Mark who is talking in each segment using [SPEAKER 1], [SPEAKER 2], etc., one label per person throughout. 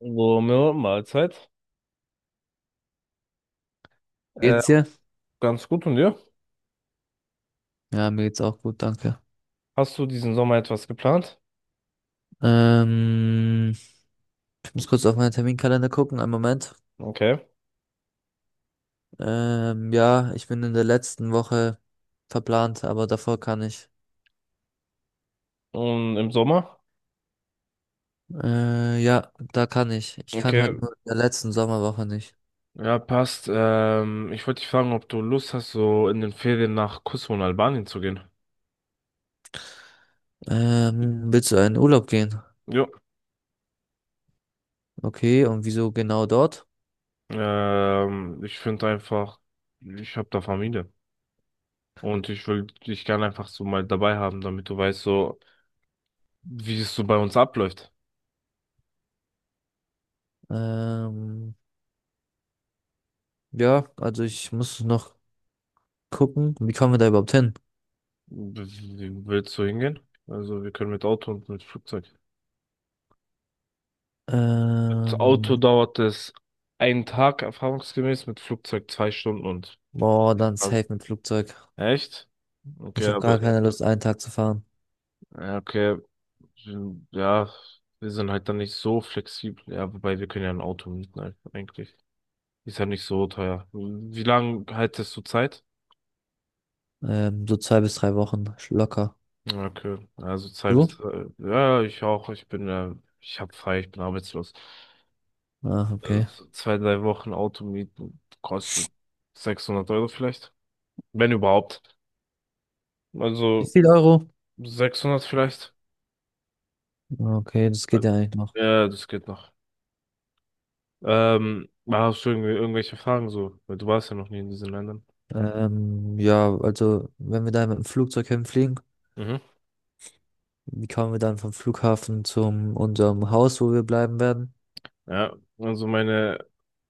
[SPEAKER 1] Romeo, Mahlzeit. Äh,
[SPEAKER 2] Geht's dir?
[SPEAKER 1] Ganz gut und dir?
[SPEAKER 2] Ja, mir geht's auch gut, danke.
[SPEAKER 1] Hast du diesen Sommer etwas geplant?
[SPEAKER 2] Ähm, Ich muss kurz auf meinen Terminkalender gucken, einen Moment.
[SPEAKER 1] Okay.
[SPEAKER 2] Ja, ich bin in der letzten Woche verplant, aber davor kann ich.
[SPEAKER 1] Und im Sommer?
[SPEAKER 2] Ja, da kann ich. Ich kann
[SPEAKER 1] Okay,
[SPEAKER 2] halt nur in der letzten Sommerwoche nicht.
[SPEAKER 1] ja, passt. Ich wollte dich fragen, ob du Lust hast, so in den Ferien nach Kosovo und Albanien zu gehen.
[SPEAKER 2] Willst du in Urlaub gehen?
[SPEAKER 1] Ja.
[SPEAKER 2] Okay, und wieso genau dort?
[SPEAKER 1] Ich finde einfach, ich habe da Familie. Und ich will dich gerne einfach so mal dabei haben, damit du weißt, so, wie es so bei uns abläuft.
[SPEAKER 2] Ähm, ja, also ich muss noch gucken, wie kommen wir da überhaupt hin?
[SPEAKER 1] Willst du hingehen? Also, wir können mit Auto und mit Flugzeug. Das
[SPEAKER 2] Ähm,
[SPEAKER 1] Auto dauert es einen Tag erfahrungsgemäß, mit Flugzeug zwei Stunden und.
[SPEAKER 2] Boah, dann
[SPEAKER 1] Also,
[SPEAKER 2] safe mit Flugzeug.
[SPEAKER 1] echt? Okay,
[SPEAKER 2] Ich habe
[SPEAKER 1] aber,
[SPEAKER 2] gar keine Lust, einen Tag zu fahren.
[SPEAKER 1] ja, okay, hm, ja, wir sind halt dann nicht so flexibel. Ja, wobei wir können ja ein Auto mieten, halt, eigentlich. Ist ja nicht so teuer. Wie lange haltest du Zeit?
[SPEAKER 2] So zwei bis drei Wochen locker.
[SPEAKER 1] Ja, okay, also zwei bis
[SPEAKER 2] Du?
[SPEAKER 1] drei. Ja, ich auch. Ich bin, ich hab frei, ich bin arbeitslos.
[SPEAKER 2] Ah, okay.
[SPEAKER 1] So zwei, drei Wochen Auto mieten kostet 600 Euro vielleicht, wenn überhaupt.
[SPEAKER 2] Wie
[SPEAKER 1] Also
[SPEAKER 2] viel Euro?
[SPEAKER 1] 600 vielleicht?
[SPEAKER 2] Ah, okay, das geht ja eigentlich noch.
[SPEAKER 1] Ja, das geht noch. Hast du irgendwie irgendwelche Fragen so? Weil du warst ja noch nie in diesen Ländern.
[SPEAKER 2] Ja, also wenn wir da mit dem Flugzeug hinfliegen,
[SPEAKER 1] Mhm.
[SPEAKER 2] wie kommen wir dann vom Flughafen zum unserem Haus, wo wir bleiben werden?
[SPEAKER 1] Ja, also meine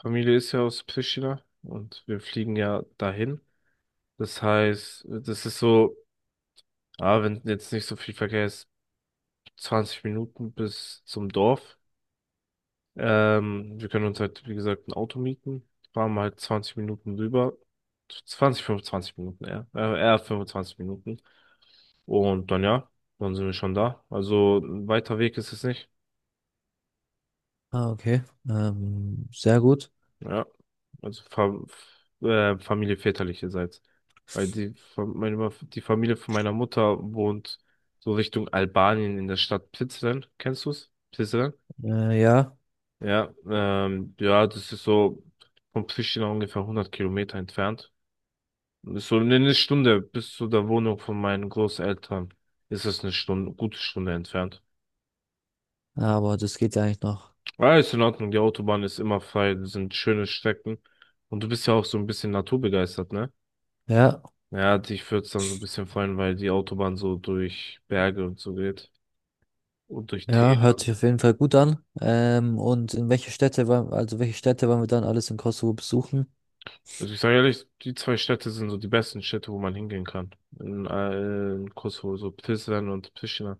[SPEAKER 1] Familie ist ja aus Pristina und wir fliegen ja dahin. Das heißt, das ist so, wenn jetzt nicht so viel Verkehr ist, 20 Minuten bis zum Dorf. Wir können uns halt, wie gesagt, ein Auto mieten, fahren halt 20 Minuten rüber. 20 25 Minuten, eher. Eher 25 Minuten. Und dann ja, dann sind wir schon da. Also ein weiter Weg ist es nicht.
[SPEAKER 2] Ah, okay. Sehr gut.
[SPEAKER 1] Ja. Also Fa Familie väterlicherseits. Weil die Familie von meiner Mutter wohnt so Richtung Albanien in der Stadt Prizren. Kennst du's? Prizren?
[SPEAKER 2] Ja,
[SPEAKER 1] Ja, ja, das ist so von Pristina ungefähr 100 Kilometer entfernt. Und ist so eine Stunde bis zu der Wohnung von meinen Großeltern. Ist es eine Stunde, gute Stunde entfernt.
[SPEAKER 2] aber das geht ja eigentlich noch.
[SPEAKER 1] Ja, ist in Ordnung, die Autobahn ist immer frei, das sind schöne Strecken. Und du bist ja auch so ein bisschen naturbegeistert, ne?
[SPEAKER 2] Ja,
[SPEAKER 1] Ja, dich würde es dann so ein bisschen freuen, weil die Autobahn so durch Berge und so geht. Und durch
[SPEAKER 2] ja, hört
[SPEAKER 1] Täler.
[SPEAKER 2] sich auf jeden Fall gut an. Und in welche also welche Städte wollen wir dann alles in Kosovo besuchen?
[SPEAKER 1] Also ich sage ehrlich, die zwei Städte sind so die besten Städte, wo man hingehen kann. In Kosovo, so Prizren und Pristina.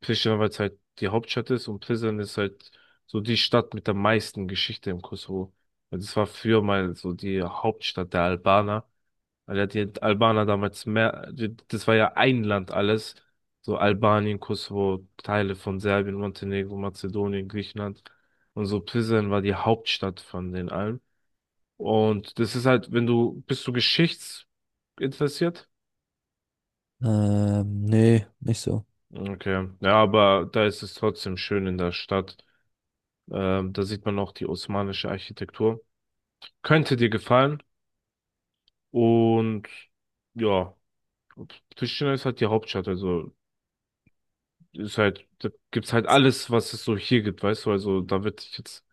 [SPEAKER 1] Pristina, weil es halt die Hauptstadt ist und Prizren ist halt so die Stadt mit der meisten Geschichte im Kosovo. Also es war früher mal so die Hauptstadt der Albaner. Weil ja die Albaner damals mehr, das war ja ein Land alles. So Albanien, Kosovo, Teile von Serbien, Montenegro, Mazedonien, Griechenland. Und so Prizren war die Hauptstadt von den allen. Und das ist halt, wenn du, bist du geschichtsinteressiert?
[SPEAKER 2] Nee, nicht so.
[SPEAKER 1] Okay. Ja, aber da ist es trotzdem schön in der Stadt. Da sieht man auch die osmanische Architektur. Könnte dir gefallen. Und ja, Pristina ist halt die Hauptstadt, also ist halt, da gibt's halt alles, was es so hier gibt, weißt du, also da wird dich jetzt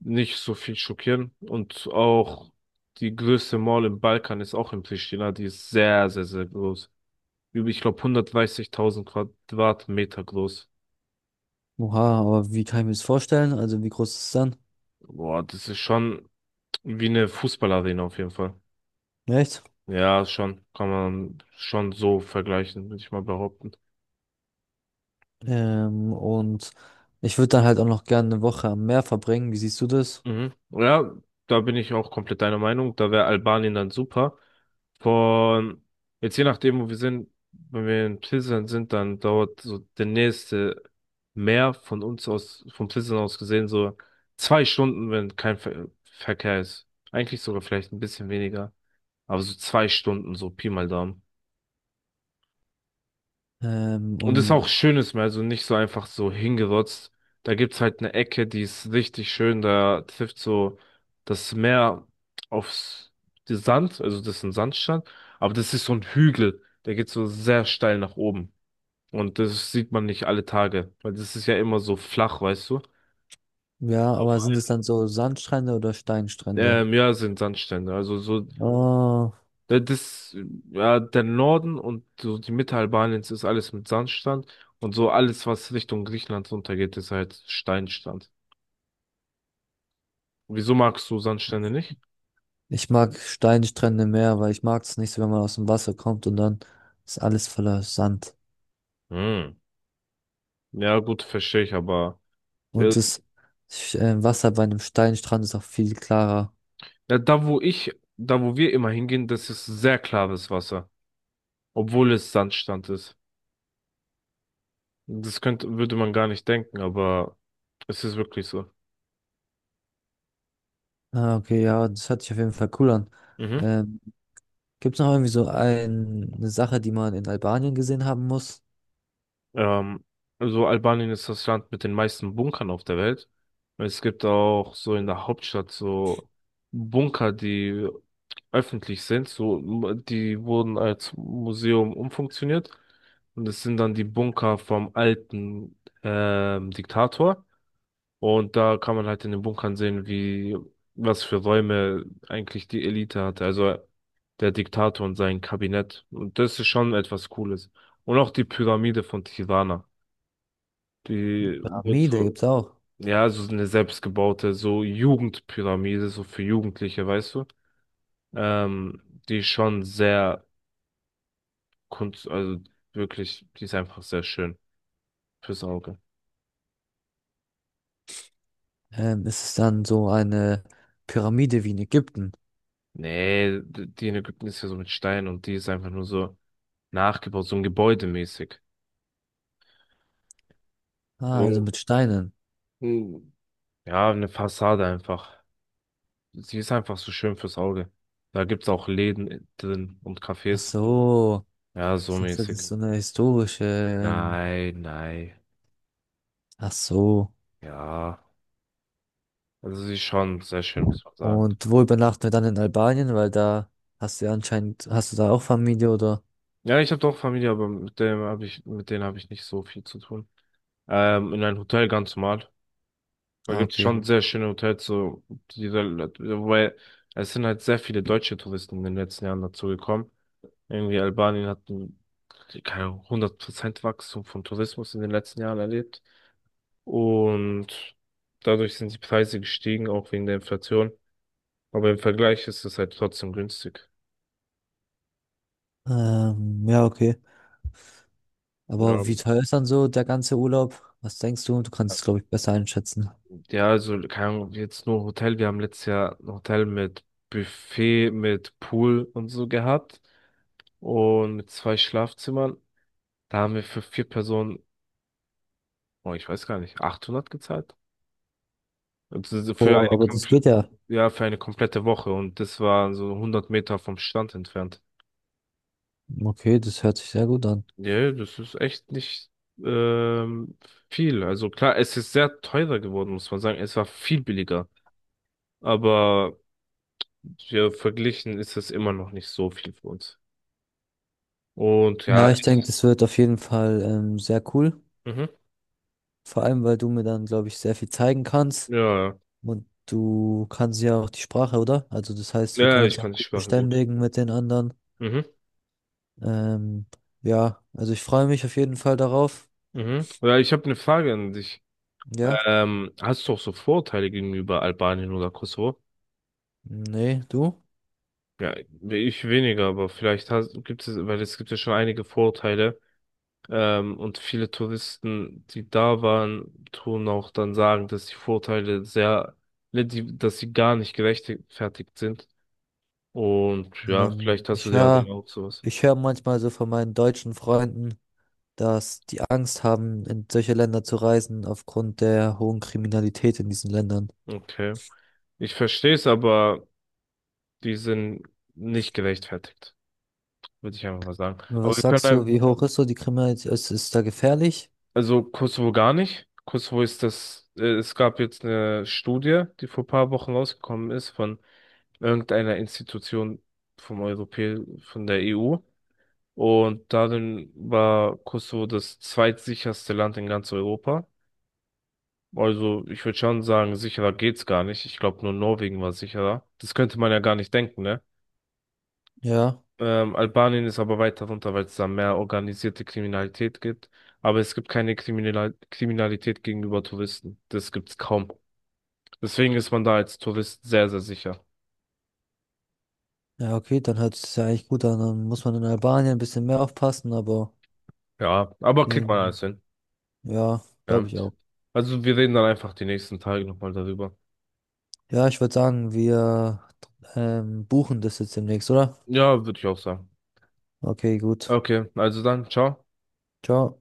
[SPEAKER 1] nicht so viel schockieren und auch die größte Mall im Balkan ist auch in Pristina, die ist sehr, sehr, sehr groß. Über, ich glaube, 130.000 Quadratmeter groß.
[SPEAKER 2] Oha, aber wie kann ich mir das vorstellen? Also wie groß ist es dann?
[SPEAKER 1] Boah, das ist schon wie eine Fußballarena auf jeden Fall.
[SPEAKER 2] Echt?
[SPEAKER 1] Ja, schon, kann man schon so vergleichen, würde ich mal behaupten.
[SPEAKER 2] Und ich würde dann halt auch noch gerne eine Woche am Meer verbringen. Wie siehst du das?
[SPEAKER 1] Mhm. Ja, da bin ich auch komplett deiner Meinung. Da wäre Albanien dann super. Von jetzt je nachdem, wo wir sind, wenn wir in Pilsen sind, dann dauert so der nächste Meer von uns aus, von Pilsen aus gesehen, so zwei Stunden, wenn kein Ver Verkehr ist. Eigentlich sogar vielleicht ein bisschen weniger. Aber so zwei Stunden, so Pi mal Daumen.
[SPEAKER 2] Ähm,
[SPEAKER 1] Und ist auch
[SPEAKER 2] und
[SPEAKER 1] schönes Meer, also nicht so einfach so hingerotzt. Da gibt's halt eine Ecke, die ist richtig schön. Da trifft so das Meer aufs den Sand, also das ist ein Sandstrand, aber das ist so ein Hügel, der geht so sehr steil nach oben. Und das sieht man nicht alle Tage, weil das ist ja immer so flach, weißt du?
[SPEAKER 2] ja,
[SPEAKER 1] Auf
[SPEAKER 2] aber sind es
[SPEAKER 1] allen.
[SPEAKER 2] dann so Sandstrände oder Steinstrände?
[SPEAKER 1] Ja, sind Sandstrände.
[SPEAKER 2] Oh,
[SPEAKER 1] Äh, Das, äh, ja, der Norden und so die Mitte Albaniens ist alles mit Sandstrand und so alles, was Richtung Griechenland runtergeht, ist halt Steinstrand. Wieso magst du Sandstrände nicht?
[SPEAKER 2] ich mag Steinstrände mehr, weil ich mag es nicht so, wenn man aus dem Wasser kommt und dann ist alles voller Sand.
[SPEAKER 1] Hm. Ja, gut, verstehe ich, aber äh,
[SPEAKER 2] Und das Wasser bei einem Steinstrand ist auch viel klarer.
[SPEAKER 1] ja, da wo wir immer hingehen, das ist sehr klares Wasser, obwohl es Sandstrand ist. Das könnte, würde man gar nicht denken, aber es ist wirklich so.
[SPEAKER 2] Ah, okay, ja, das hört sich auf jeden Fall cool an.
[SPEAKER 1] Mhm.
[SPEAKER 2] Ähm, Gibt es noch irgendwie eine Sache, die man in Albanien gesehen haben muss?
[SPEAKER 1] Ähm, also Albanien ist das Land mit den meisten Bunkern auf der Welt. Es gibt auch so in der Hauptstadt so Bunker, die öffentlich sind, die wurden als Museum umfunktioniert und es sind dann die Bunker vom alten Diktator und da kann man halt in den Bunkern sehen, wie was für Räume eigentlich die Elite hatte, also der Diktator und sein Kabinett und das ist schon etwas Cooles und auch die Pyramide von Tirana. Die wird
[SPEAKER 2] Pyramide
[SPEAKER 1] so,
[SPEAKER 2] gibt es auch.
[SPEAKER 1] ja, so eine selbstgebaute, so Jugendpyramide, so für Jugendliche, weißt du? Ähm, Die ist schon sehr kunst, also wirklich, die ist einfach sehr schön fürs Auge.
[SPEAKER 2] Ist es dann so eine Pyramide wie in Ägypten?
[SPEAKER 1] Nee, die in Ägypten ist ja so mit Stein und die ist einfach nur so nachgebaut, so ein Gebäudemäßig.
[SPEAKER 2] Ah,
[SPEAKER 1] So,
[SPEAKER 2] also mit Steinen.
[SPEAKER 1] hm, ja, eine Fassade einfach. Sie ist einfach so schön fürs Auge. Da gibt's auch Läden drin und
[SPEAKER 2] Ach
[SPEAKER 1] Cafés.
[SPEAKER 2] so.
[SPEAKER 1] Ja, so
[SPEAKER 2] Ich dachte, das
[SPEAKER 1] mäßig.
[SPEAKER 2] ist so eine historische.
[SPEAKER 1] Nein, nein.
[SPEAKER 2] Ach so.
[SPEAKER 1] Ja. Also sie ist schon sehr schön, muss man sagen.
[SPEAKER 2] Und wo übernachten wir dann in Albanien? Weil da hast du da auch Familie oder?
[SPEAKER 1] Ja, ich habe doch Familie, aber mit denen habe ich nicht so viel zu tun. In einem Hotel ganz normal. Da
[SPEAKER 2] Ah,
[SPEAKER 1] gibt es
[SPEAKER 2] okay.
[SPEAKER 1] schon sehr schöne Hotels, die, da- wobei es sind halt sehr viele deutsche Touristen in den letzten Jahren dazu gekommen. Irgendwie Albanien hat ein, keine Ahnung, 100% Wachstum von Tourismus in den letzten Jahren erlebt. Und dadurch sind die Preise gestiegen, auch wegen der Inflation. Aber im Vergleich ist es halt trotzdem günstig.
[SPEAKER 2] Ja, okay.
[SPEAKER 1] Ja.
[SPEAKER 2] Aber wie teuer ist dann so der ganze Urlaub? Was denkst du? Du kannst es, glaube ich, besser einschätzen.
[SPEAKER 1] Ja, also, keine Ahnung, jetzt nur Hotel. Wir haben letztes Jahr ein Hotel mit Buffet, mit Pool und so gehabt. Und mit zwei Schlafzimmern. Da haben wir für vier Personen, oh, ich weiß gar nicht, 800 gezahlt. Also für
[SPEAKER 2] Oh,
[SPEAKER 1] eine
[SPEAKER 2] aber das geht
[SPEAKER 1] komple
[SPEAKER 2] ja.
[SPEAKER 1] Ja, für eine komplette Woche. Und das war so 100 Meter vom Strand entfernt.
[SPEAKER 2] Okay, das hört sich sehr gut an.
[SPEAKER 1] Ja, das ist echt nicht ähm, viel. Also klar, es ist sehr teurer geworden, muss man sagen. Es war viel billiger. Aber ja, verglichen ist es immer noch nicht so viel für uns. Und ja,
[SPEAKER 2] Ja, ich denke,
[SPEAKER 1] echt,
[SPEAKER 2] das wird auf jeden Fall sehr cool.
[SPEAKER 1] mhm,
[SPEAKER 2] Vor allem, weil du mir dann, glaube ich, sehr viel zeigen kannst.
[SPEAKER 1] ja,
[SPEAKER 2] Und du kannst ja auch die Sprache, oder? Also das heißt, wir
[SPEAKER 1] ja, ja,
[SPEAKER 2] können
[SPEAKER 1] ich
[SPEAKER 2] uns
[SPEAKER 1] kann
[SPEAKER 2] auch
[SPEAKER 1] die
[SPEAKER 2] gut
[SPEAKER 1] Sprache gut.
[SPEAKER 2] verständigen mit den anderen.
[SPEAKER 1] Mhm.
[SPEAKER 2] Ähm, ja, also ich freue mich auf jeden Fall darauf.
[SPEAKER 1] Mhm. Ja, ich habe eine Frage an dich.
[SPEAKER 2] Ja,
[SPEAKER 1] Hast du auch so Vorurteile gegenüber Albanien oder Kosovo?
[SPEAKER 2] nee, du?
[SPEAKER 1] Ja, ich weniger, aber gibt es, weil es gibt ja schon einige Vorurteile. Und viele Touristen, die da waren, tun auch dann sagen, dass die Vorurteile sehr, ne, dass sie gar nicht gerechtfertigt sind. Und ja,
[SPEAKER 2] Ähm,
[SPEAKER 1] vielleicht hast du
[SPEAKER 2] ich
[SPEAKER 1] ja dann
[SPEAKER 2] höre,
[SPEAKER 1] auch sowas.
[SPEAKER 2] Ich höre manchmal so von meinen deutschen Freunden, dass die Angst haben, in solche Länder zu reisen, aufgrund der hohen Kriminalität in diesen Ländern.
[SPEAKER 1] Okay. Ich verstehe es, aber die sind nicht gerechtfertigt, würde ich einfach mal sagen. Aber
[SPEAKER 2] Was sagst du, wie hoch ist so die Kriminalität? Ist da gefährlich?
[SPEAKER 1] also Kosovo gar nicht. Kosovo ist das, es gab jetzt eine Studie, die vor ein paar Wochen rausgekommen ist von irgendeiner Institution vom Europä, von der EU. Und darin war Kosovo das zweitsicherste Land in ganz Europa. Also ich würde schon sagen, sicherer geht's gar nicht. Ich glaube, nur Norwegen war sicherer. Das könnte man ja gar nicht denken, ne?
[SPEAKER 2] Ja.
[SPEAKER 1] Albanien ist aber weiter runter, weil es da mehr organisierte Kriminalität gibt. Aber es gibt keine Kriminalität gegenüber Touristen. Das gibt's kaum. Deswegen ist man da als Tourist sehr, sehr sicher.
[SPEAKER 2] Ja, okay, dann hört es ja eigentlich gut an. Dann muss man in Albanien ein bisschen mehr aufpassen, aber
[SPEAKER 1] Ja, aber kriegt man
[SPEAKER 2] ähm,
[SPEAKER 1] alles hin.
[SPEAKER 2] ja, glaube
[SPEAKER 1] Ja.
[SPEAKER 2] ich auch.
[SPEAKER 1] Also wir reden dann einfach die nächsten Tage nochmal darüber.
[SPEAKER 2] Ja, ich würde sagen, wir buchen das jetzt demnächst, oder?
[SPEAKER 1] Ja, würde ich auch sagen.
[SPEAKER 2] Okay, gut.
[SPEAKER 1] Okay, also dann, ciao.
[SPEAKER 2] Ciao.